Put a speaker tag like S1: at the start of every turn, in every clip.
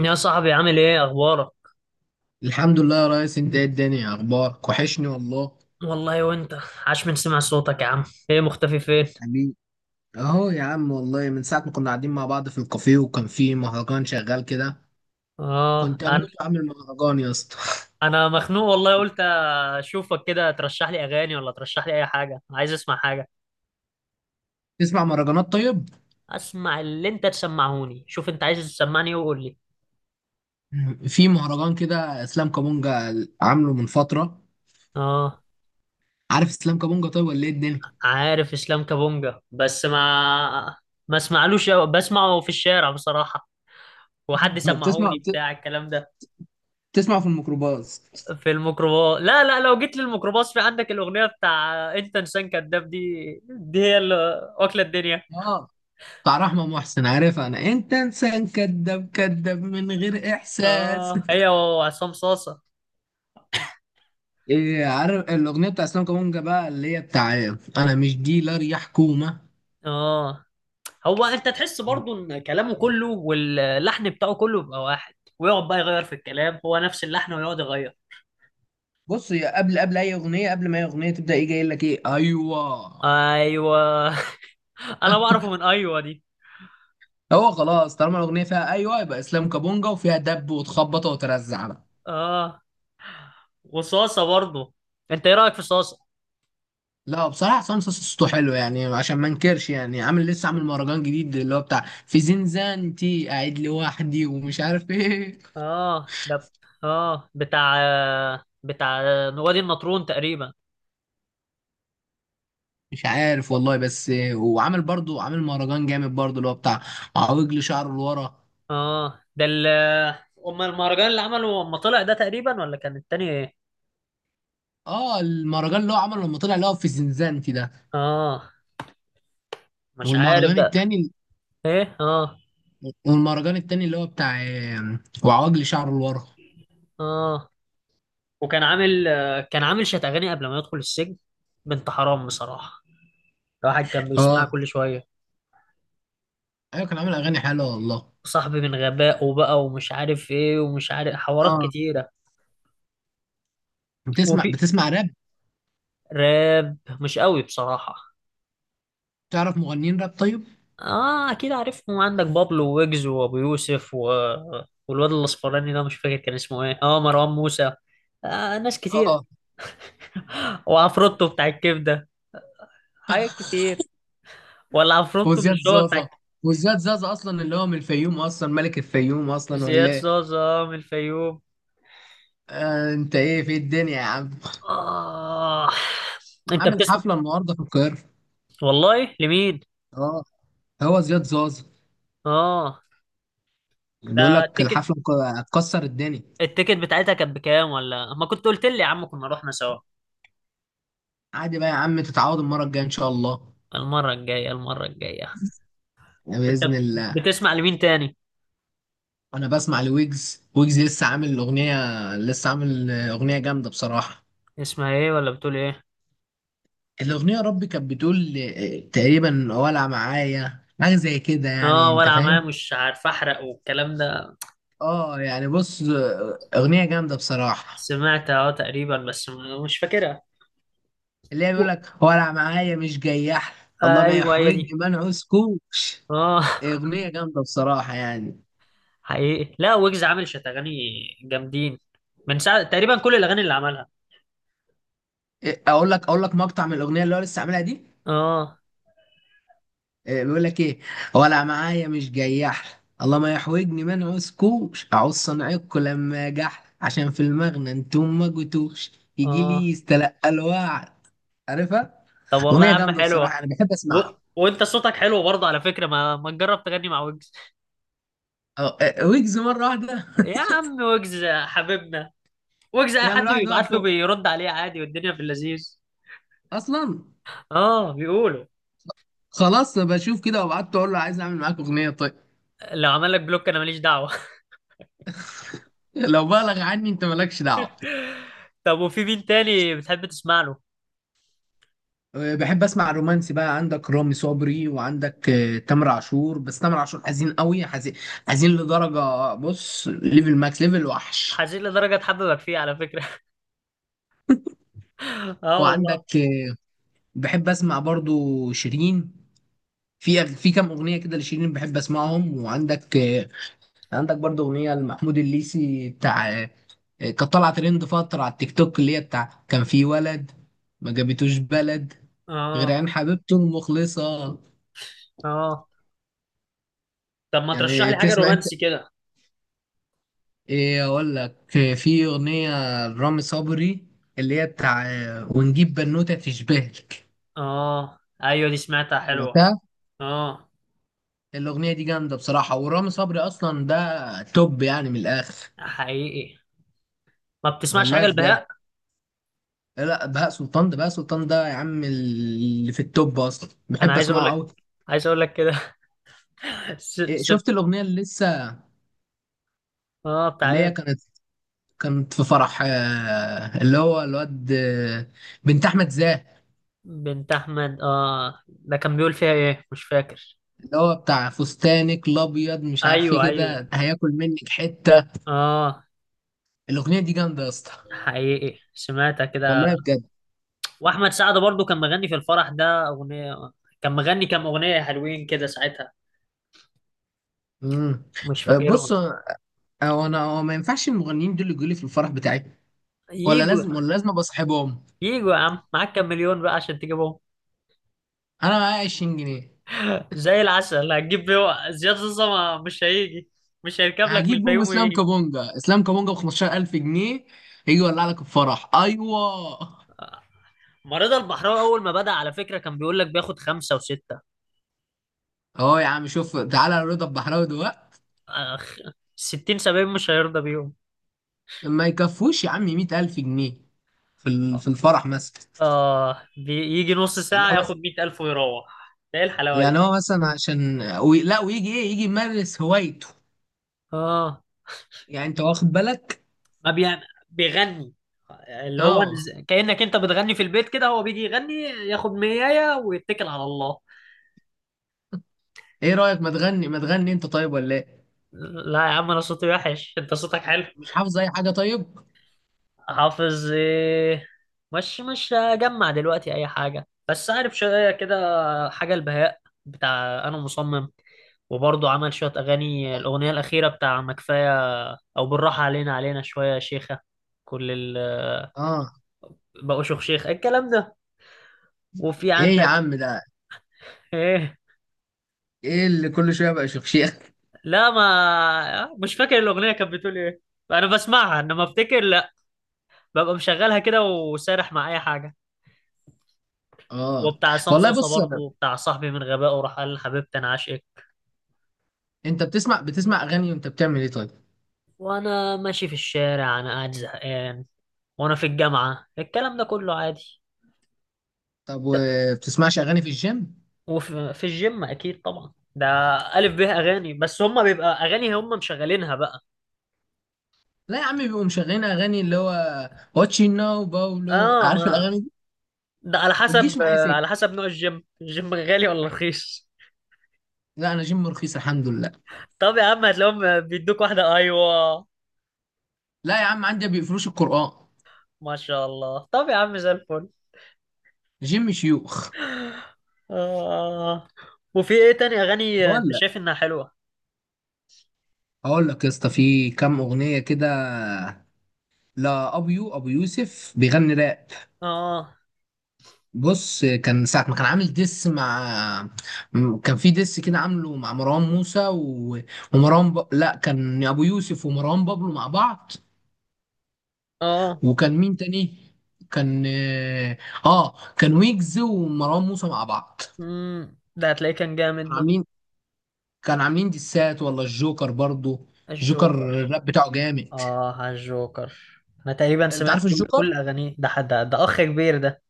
S1: يا صاحبي، عامل ايه؟ اخبارك؟
S2: الحمد لله يا ريس، انت ايه الدنيا؟ اخبارك وحشني والله.
S1: والله وانت. عاش من سمع صوتك يا عم. ايه مختفي فين؟
S2: حبيبي، اهو يا عم والله من ساعة ما كنا قاعدين مع بعض في الكافيه وكان في مهرجان شغال كده.
S1: اه،
S2: كنت
S1: انا
S2: اموت واعمل مهرجان يا اسطى.
S1: انا مخنوق والله. قلت اشوفك كده، ترشح لي اغاني ولا ترشح لي اي حاجه، عايز اسمع حاجه.
S2: تسمع مهرجانات طيب؟
S1: اسمع اللي انت تسمعهوني، شوف انت عايز تسمعني إيه وقول لي.
S2: في مهرجان كده اسلام كابونجا، عامله من فترة.
S1: اه.
S2: عارف اسلام كابونجا طيب ولا ايه الدنيا؟
S1: عارف اسلام كابونجا، بس ما اسمعلوش أوي، بسمعه في الشارع بصراحه. وحد
S2: بتسمع
S1: سمعوني
S2: بت-
S1: بتاع الكلام ده؟
S2: بتسمع في الميكروباص.
S1: في الميكروباص لا لا، لو جيت للميكروباص في عندك الأغنية بتاع أنت إنسان كذاب دي، دي هي اللي واكلة الدنيا.
S2: اه، بتاع رحمة محسن، عارف؟ انا انت انسان كذاب، كذاب من غير احساس.
S1: اه، هي وعصام صاصة.
S2: إيه، عارف الأغنية بتاع اسلام كابونجا بقى اللي هي بتاع أنا مش ديلر يا حكومة؟
S1: اه. هو أنت تحس برضو إن كلامه كله واللحن بتاعه كله بيبقى واحد، ويقعد بقى يغير في الكلام، هو نفس اللحن ويقعد يغير.
S2: بص هي قبل أي أغنية، قبل ما أي أغنية تبدأ، إيه جاي لك؟ إيه، أيوه.
S1: أيوه أنا بعرفه من أيوه دي.
S2: هو خلاص، طالما الأغنية فيها أيوه يبقى اسلام كابونجا، وفيها دب وتخبط وترزع بقى.
S1: اه، وصاصة برضو. أنت إيه رأيك في صاصة؟
S2: لا بصراحة حسام صاصا صوته حلو يعني، عشان ما انكرش يعني. عامل، لسه عامل مهرجان جديد اللي هو بتاع في زنزانتي قاعد لوحدي ومش عارف ايه.
S1: اه، ده اه بتاع بتاع وادي النطرون تقريبا.
S2: مش عارف والله، بس وعامل برضو، عامل مهرجان جامد برضو اللي هو بتاع عوجل شعره لورا.
S1: اه، ده أم المهرجان اللي عمله أما طلع ده تقريبا، ولا كان التاني إيه؟
S2: اه، المهرجان اللي هو عمله لما طلع اللي هو في زنزانتي ده.
S1: اه، مش عارف
S2: والمهرجان
S1: بقى.
S2: التاني،
S1: إيه، اه،
S2: والمهرجان التاني اللي هو بتاع وعواجلي شعره لورا.
S1: اه. وكان عامل، كان عامل شات أغاني قبل ما يدخل السجن. بنت حرام بصراحة، الواحد كان بيسمعها
S2: اه
S1: كل شوية.
S2: ايوه، كان عامل اغاني حلوه والله.
S1: صاحبي من غبائه بقى ومش عارف إيه ومش عارف حوارات
S2: اه،
S1: كتيرة.
S2: بتسمع
S1: وفي
S2: بتسمع راب؟
S1: راب مش قوي بصراحة.
S2: تعرف مغنيين راب طيب؟
S1: اه، أكيد عارفهم. عندك بابلو، ويجز، وأبو يوسف والواد الأصفراني ده مش فاكر كان اسمه إيه، اه، مروان موسى. آه، ناس كتير.
S2: اه،
S1: وعفروتو بتاع الكبدة، حاجات كتير. ولا عفروتو
S2: وزياد
S1: مش هو بتاع
S2: زازا. وزياد زازا اصلا اللي هو من الفيوم اصلا، ملك الفيوم اصلا ولا
S1: زياد
S2: ايه؟
S1: زازا، آه، من الفيوم.
S2: آه انت ايه في الدنيا يا عم؟
S1: آه. أنت
S2: عامل
S1: بتسمع
S2: حفله النهارده في القاهره.
S1: والله لمين؟
S2: اه، هو زياد زازا
S1: آه.
S2: بيقول
S1: ده
S2: لك
S1: التيكت،
S2: الحفله هتكسر الدنيا.
S1: التيكت بتاعتها كانت بكام؟ ولا ما كنت قلت لي يا عم، كنا رحنا سوا.
S2: عادي بقى يا عم، تتعود المره الجايه ان شاء الله.
S1: المرة الجاية، المرة الجاية. أنت
S2: بإذن الله.
S1: بتسمع لمين تاني؟
S2: أنا بسمع لويجز. ويجز لسه عامل أغنية، لسه عامل أغنية جامدة بصراحة.
S1: اسمها إيه ولا بتقول إيه؟
S2: الأغنية يا ربي كانت بتقول تقريبا ولع معايا، حاجة زي كده يعني.
S1: آه،
S2: أنت
S1: ولا معايا
S2: فاهم؟
S1: مش عارف أحرق والكلام ده.
S2: آه يعني بص، أغنية جامدة بصراحة.
S1: سمعت اه تقريبا، بس مش فاكرها.
S2: اللي هي بيقول لك ولع معايا مش جياح، الله ما
S1: أيوه هي
S2: يحوج،
S1: دي.
S2: ما نعوزكوش.
S1: آه.
S2: أغنية جامدة بصراحة يعني.
S1: حقيقي، لا، ويجز عامل شت اغاني جامدين من ساعه تقريبا، كل الاغاني اللي عملها.
S2: إيه، أقول لك مقطع من الأغنية اللي هو لسه عاملها دي.
S1: اه.
S2: إيه، بيقول لك ايه، ولا معايا مش جياح، الله ما يحوجني، ما نعوزكوش، اعوز صنعكوا لما جح، عشان في المغنى انتم ما جيتوش، يجي
S1: اه.
S2: لي يستلقى الوعد. عارفها؟
S1: طب والله
S2: اغنيه
S1: يا عم
S2: جامده بصراحه،
S1: حلوه.
S2: انا بحب
S1: و...
S2: اسمعها.
S1: وانت صوتك حلو برضه على فكره، ما تجرب تغني مع ويجز؟
S2: أه، ويجز مره واحده.
S1: يا عم ويجز حبيبنا، ويجز اي
S2: يعني
S1: حد
S2: الواحد
S1: بيبعت له
S2: وقته
S1: بيرد عليه عادي، والدنيا في اللذيذ.
S2: اصلا،
S1: اه بيقولوا.
S2: خلاص بشوف كده وبعت اقول له عايز اعمل معاك اغنيه طيب.
S1: لو عمل لك بلوك انا ماليش دعوه
S2: لو بالغ عني انت مالكش دعوه.
S1: طب، وفي مين تاني بتحب تسمع له؟
S2: بحب اسمع الرومانسي بقى، عندك رامي صبري، وعندك تامر عاشور. بس تامر عاشور حزين قوي، حزين، حزين لدرجة، بص، ليفل ماكس، ليفل وحش.
S1: حزين لدرجه تحببك فيه على فكره اه والله.
S2: وعندك بحب اسمع برضو شيرين، في كام اغنية كده لشيرين بحب اسمعهم. وعندك عندك برضو اغنية لمحمود الليثي بتاع كانت طالعة ترند فترة على التيك توك، اللي هي بتاع كان في ولد ما جابتوش بلد غير
S1: اه.
S2: عين حبيبته المخلصة.
S1: اه. طب ما ترشح
S2: يعني
S1: لي حاجه
S2: بتسمع؟
S1: رومانسي كده.
S2: ايه اقول لك، في اغنيه لرامي صبري اللي هي بتاع ونجيب بنوته تشبهك.
S1: اه، ايوه، دي سمعتها حلوة.
S2: سمعتها؟
S1: اه.
S2: الاغنيه دي جامده بصراحه، ورامي صبري اصلا ده توب يعني من الاخر.
S1: حقيقي. ما بتسمعش
S2: والله
S1: حاجة
S2: بجد.
S1: البهاء؟
S2: لا بهاء سلطان، ده بهاء سلطان ده يا عم اللي في التوب اصلا،
S1: انا
S2: بحب
S1: عايز اقول
S2: اسمعه
S1: لك،
S2: قوي.
S1: عايز اقول لك كده س...
S2: إيه،
S1: س...
S2: شفت الاغنيه اللي لسه،
S1: اه، بتاع
S2: اللي هي
S1: ايه؟
S2: كانت، كانت في فرح اللي هو الواد بنت احمد زاهر؟
S1: بنت احمد، اه، ده كان بيقول فيها ايه مش فاكر.
S2: اللي هو بتاع فستانك الابيض مش عارف ايه
S1: ايوه ايوه.
S2: كده، هياكل منك حته.
S1: اه.
S2: الاغنيه دي جامده يا اسطى،
S1: حقيقي، سمعتها كده.
S2: والله بجد.
S1: واحمد سعد برضو كان مغني في الفرح ده اغنية، كان مغني كام اغنية حلوين كده ساعتها،
S2: امم،
S1: مش
S2: بص
S1: فاكرهم.
S2: هو، انا هو ما ينفعش المغنيين دول يجوا لي في الفرح بتاعي، ولا
S1: ييجوا.
S2: لازم ولا لازم ابقى صاحبهم.
S1: ييجوا يا عم، معاك كام مليون بقى عشان تجيبهم؟
S2: انا معايا 20 جنيه.
S1: زي العسل هتجيب بيه زياد زوزة؟ مش هيجي، مش هيركب لك من
S2: هجيب بوم
S1: الفيوم
S2: اسلام
S1: ويجي.
S2: كابونجا، اسلام كابونجا ب 15,000 جنيه يجي يولع لك الفرح، ايوه.
S1: ما رضا البحراوي اول ما بدأ على فكرة كان بيقول لك بياخد خمسة وستة.
S2: اهو يا عم شوف، تعالى رضا البحراوي دلوقتي
S1: أخ... 60 70 مش هيرضى بيهم.
S2: ما يكفوش يا عم 100,000 جنيه في في الفرح مثلا.
S1: اه، بيجي نص
S2: يعني
S1: ساعة
S2: هو مثلا،
S1: ياخد 100,000 ويروح، ده ايه الحلاوة دي؟
S2: يعني هو مثلا عشان لا ويجي ايه، يجي يمارس هوايته.
S1: اه،
S2: يعني انت واخد بالك.
S1: ما بيعمل، بيغني، اللي هو
S2: اه.
S1: كأنك انت بتغني في البيت كده، هو بيجي يغني ياخد 100 ويتكل على الله.
S2: ايه رأيك، ما تغني انت طيب ولا ايه؟
S1: لا يا عم انا صوتي وحش، انت صوتك حلو.
S2: مش حافظ اي حاجة طيب؟
S1: حافظ ايه؟ مش هجمع دلوقتي اي حاجه، بس عارف شويه كده. حاجه البهاء، بتاع انا مصمم. وبرضه عمل شويه اغاني، الاغنيه الاخيره بتاع ما كفايه، او بالراحه علينا علينا شويه يا شيخه، كل ال،
S2: اه.
S1: بقوا شيخ شيخ الكلام ده. وفي
S2: ايه يا
S1: عندك
S2: عم ده؟
S1: ايه؟
S2: ايه اللي كل شوية بقى شخشيخ؟
S1: لا، ما مش فاكر الاغنيه كانت بتقول ايه، انا بسمعها انما افتكر لا، ببقى مشغلها كده وسارح مع اي حاجه.
S2: اه
S1: وبتاع عصام
S2: والله.
S1: صاصا
S2: بص،
S1: برضه بتاع صاحبي من غبائه راح قال لحبيبتي انا عاشق.
S2: انت بتسمع اغاني وانت بتعمل ايه طيب؟
S1: وانا ماشي في الشارع، انا قاعد زهقان، وانا في الجامعة، الكلام ده كله عادي.
S2: طب
S1: طب،
S2: وبتسمعش اغاني في الجيم؟
S1: وفي الجيم اكيد طبعا ده الف به اغاني، بس هم بيبقى اغاني هم مشغلينها بقى.
S2: لا يا عم، بيبقوا مشغلين اغاني اللي هو واتشي ناو باولو،
S1: اه
S2: عارف
S1: ما
S2: الاغاني دي؟
S1: ده على
S2: ما
S1: حسب،
S2: تجيش معايا
S1: على
S2: سكة،
S1: حسب نوع الجيم، الجيم غالي ولا رخيص.
S2: لا انا جيم رخيص الحمد لله.
S1: طب يا عم هتلاقيهم بيدوك واحدة، ايوه.
S2: لا يا عم عندي ما بيقفلوش القرآن،
S1: ما شاء الله. طب يا عم زي الفل.
S2: جيم شيوخ.
S1: اه، وفي ايه تاني اغاني انت
S2: ولا
S1: شايف انها حلوة؟
S2: اقول لك يا اسطى، في كام اغنيه كده. لا ابو يوسف بيغني راب.
S1: اه.
S2: بص، كان ساعة ما كان عامل ديس مع، كان في ديس كده عامله مع مروان موسى و... ومروان لا، كان أبو يوسف ومروان بابلو مع بعض.
S1: اه.
S2: وكان مين تاني؟ كان اه، كان ويجز ومروان موسى مع بعض.
S1: ده هتلاقيه كان جامد
S2: كانوا
S1: ده،
S2: عاملين، كانوا عاملين ديسات. والله الجوكر برضو، الجوكر
S1: الجوكر.
S2: الراب بتاعه جامد.
S1: اه، على الجوكر. انا تقريبا
S2: انت
S1: سمعت
S2: عارف
S1: كل,
S2: الجوكر؟
S1: كل اغانيه، ده حد ده اخ كبير ده.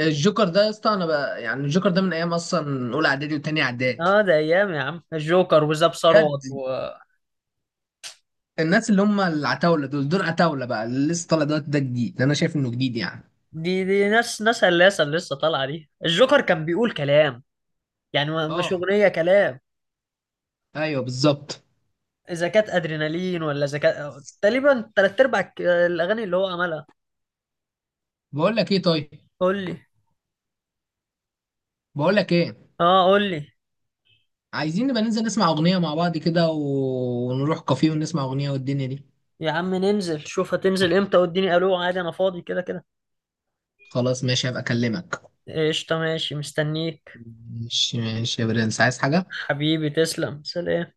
S2: الجوكر ده يا اسطى، انا بقى يعني الجوكر ده من ايام اصلا اولى اعدادي وتانية اعدادي.
S1: اه ده ايام يا عم الجوكر وزاب
S2: بجد.
S1: ثروت
S2: الناس اللي هم العتاوله دول، دول عتاوله بقى. اللي لسه طالع دلوقتي ده جديد، انا شايف انه جديد يعني.
S1: دي ناس ناس هلاسه اللي لسه طالعه دي. الجوكر كان بيقول كلام يعني، مش
S2: اه
S1: اغنيه كلام،
S2: ايوه بالظبط.
S1: اذا كانت ادرينالين، ولا اذا كانت تقريبا تلات ارباع الاغاني اللي هو عملها.
S2: بقول لك ايه طيب،
S1: قول لي.
S2: بقول لك ايه،
S1: اه، قول لي.
S2: عايزين نبقى ننزل نسمع اغنيه مع بعض كده ونروح كافيه ونسمع اغنيه والدنيا دي.
S1: يا عم ننزل شوف هتنزل امتى، واديني الو عادي، انا فاضي كده كده.
S2: خلاص ماشي، هبقى اكلمك.
S1: قشطه، ماشي مستنيك.
S2: ماشي ماشي يا برنس، عايز حاجه؟
S1: حبيبي تسلم، سلام.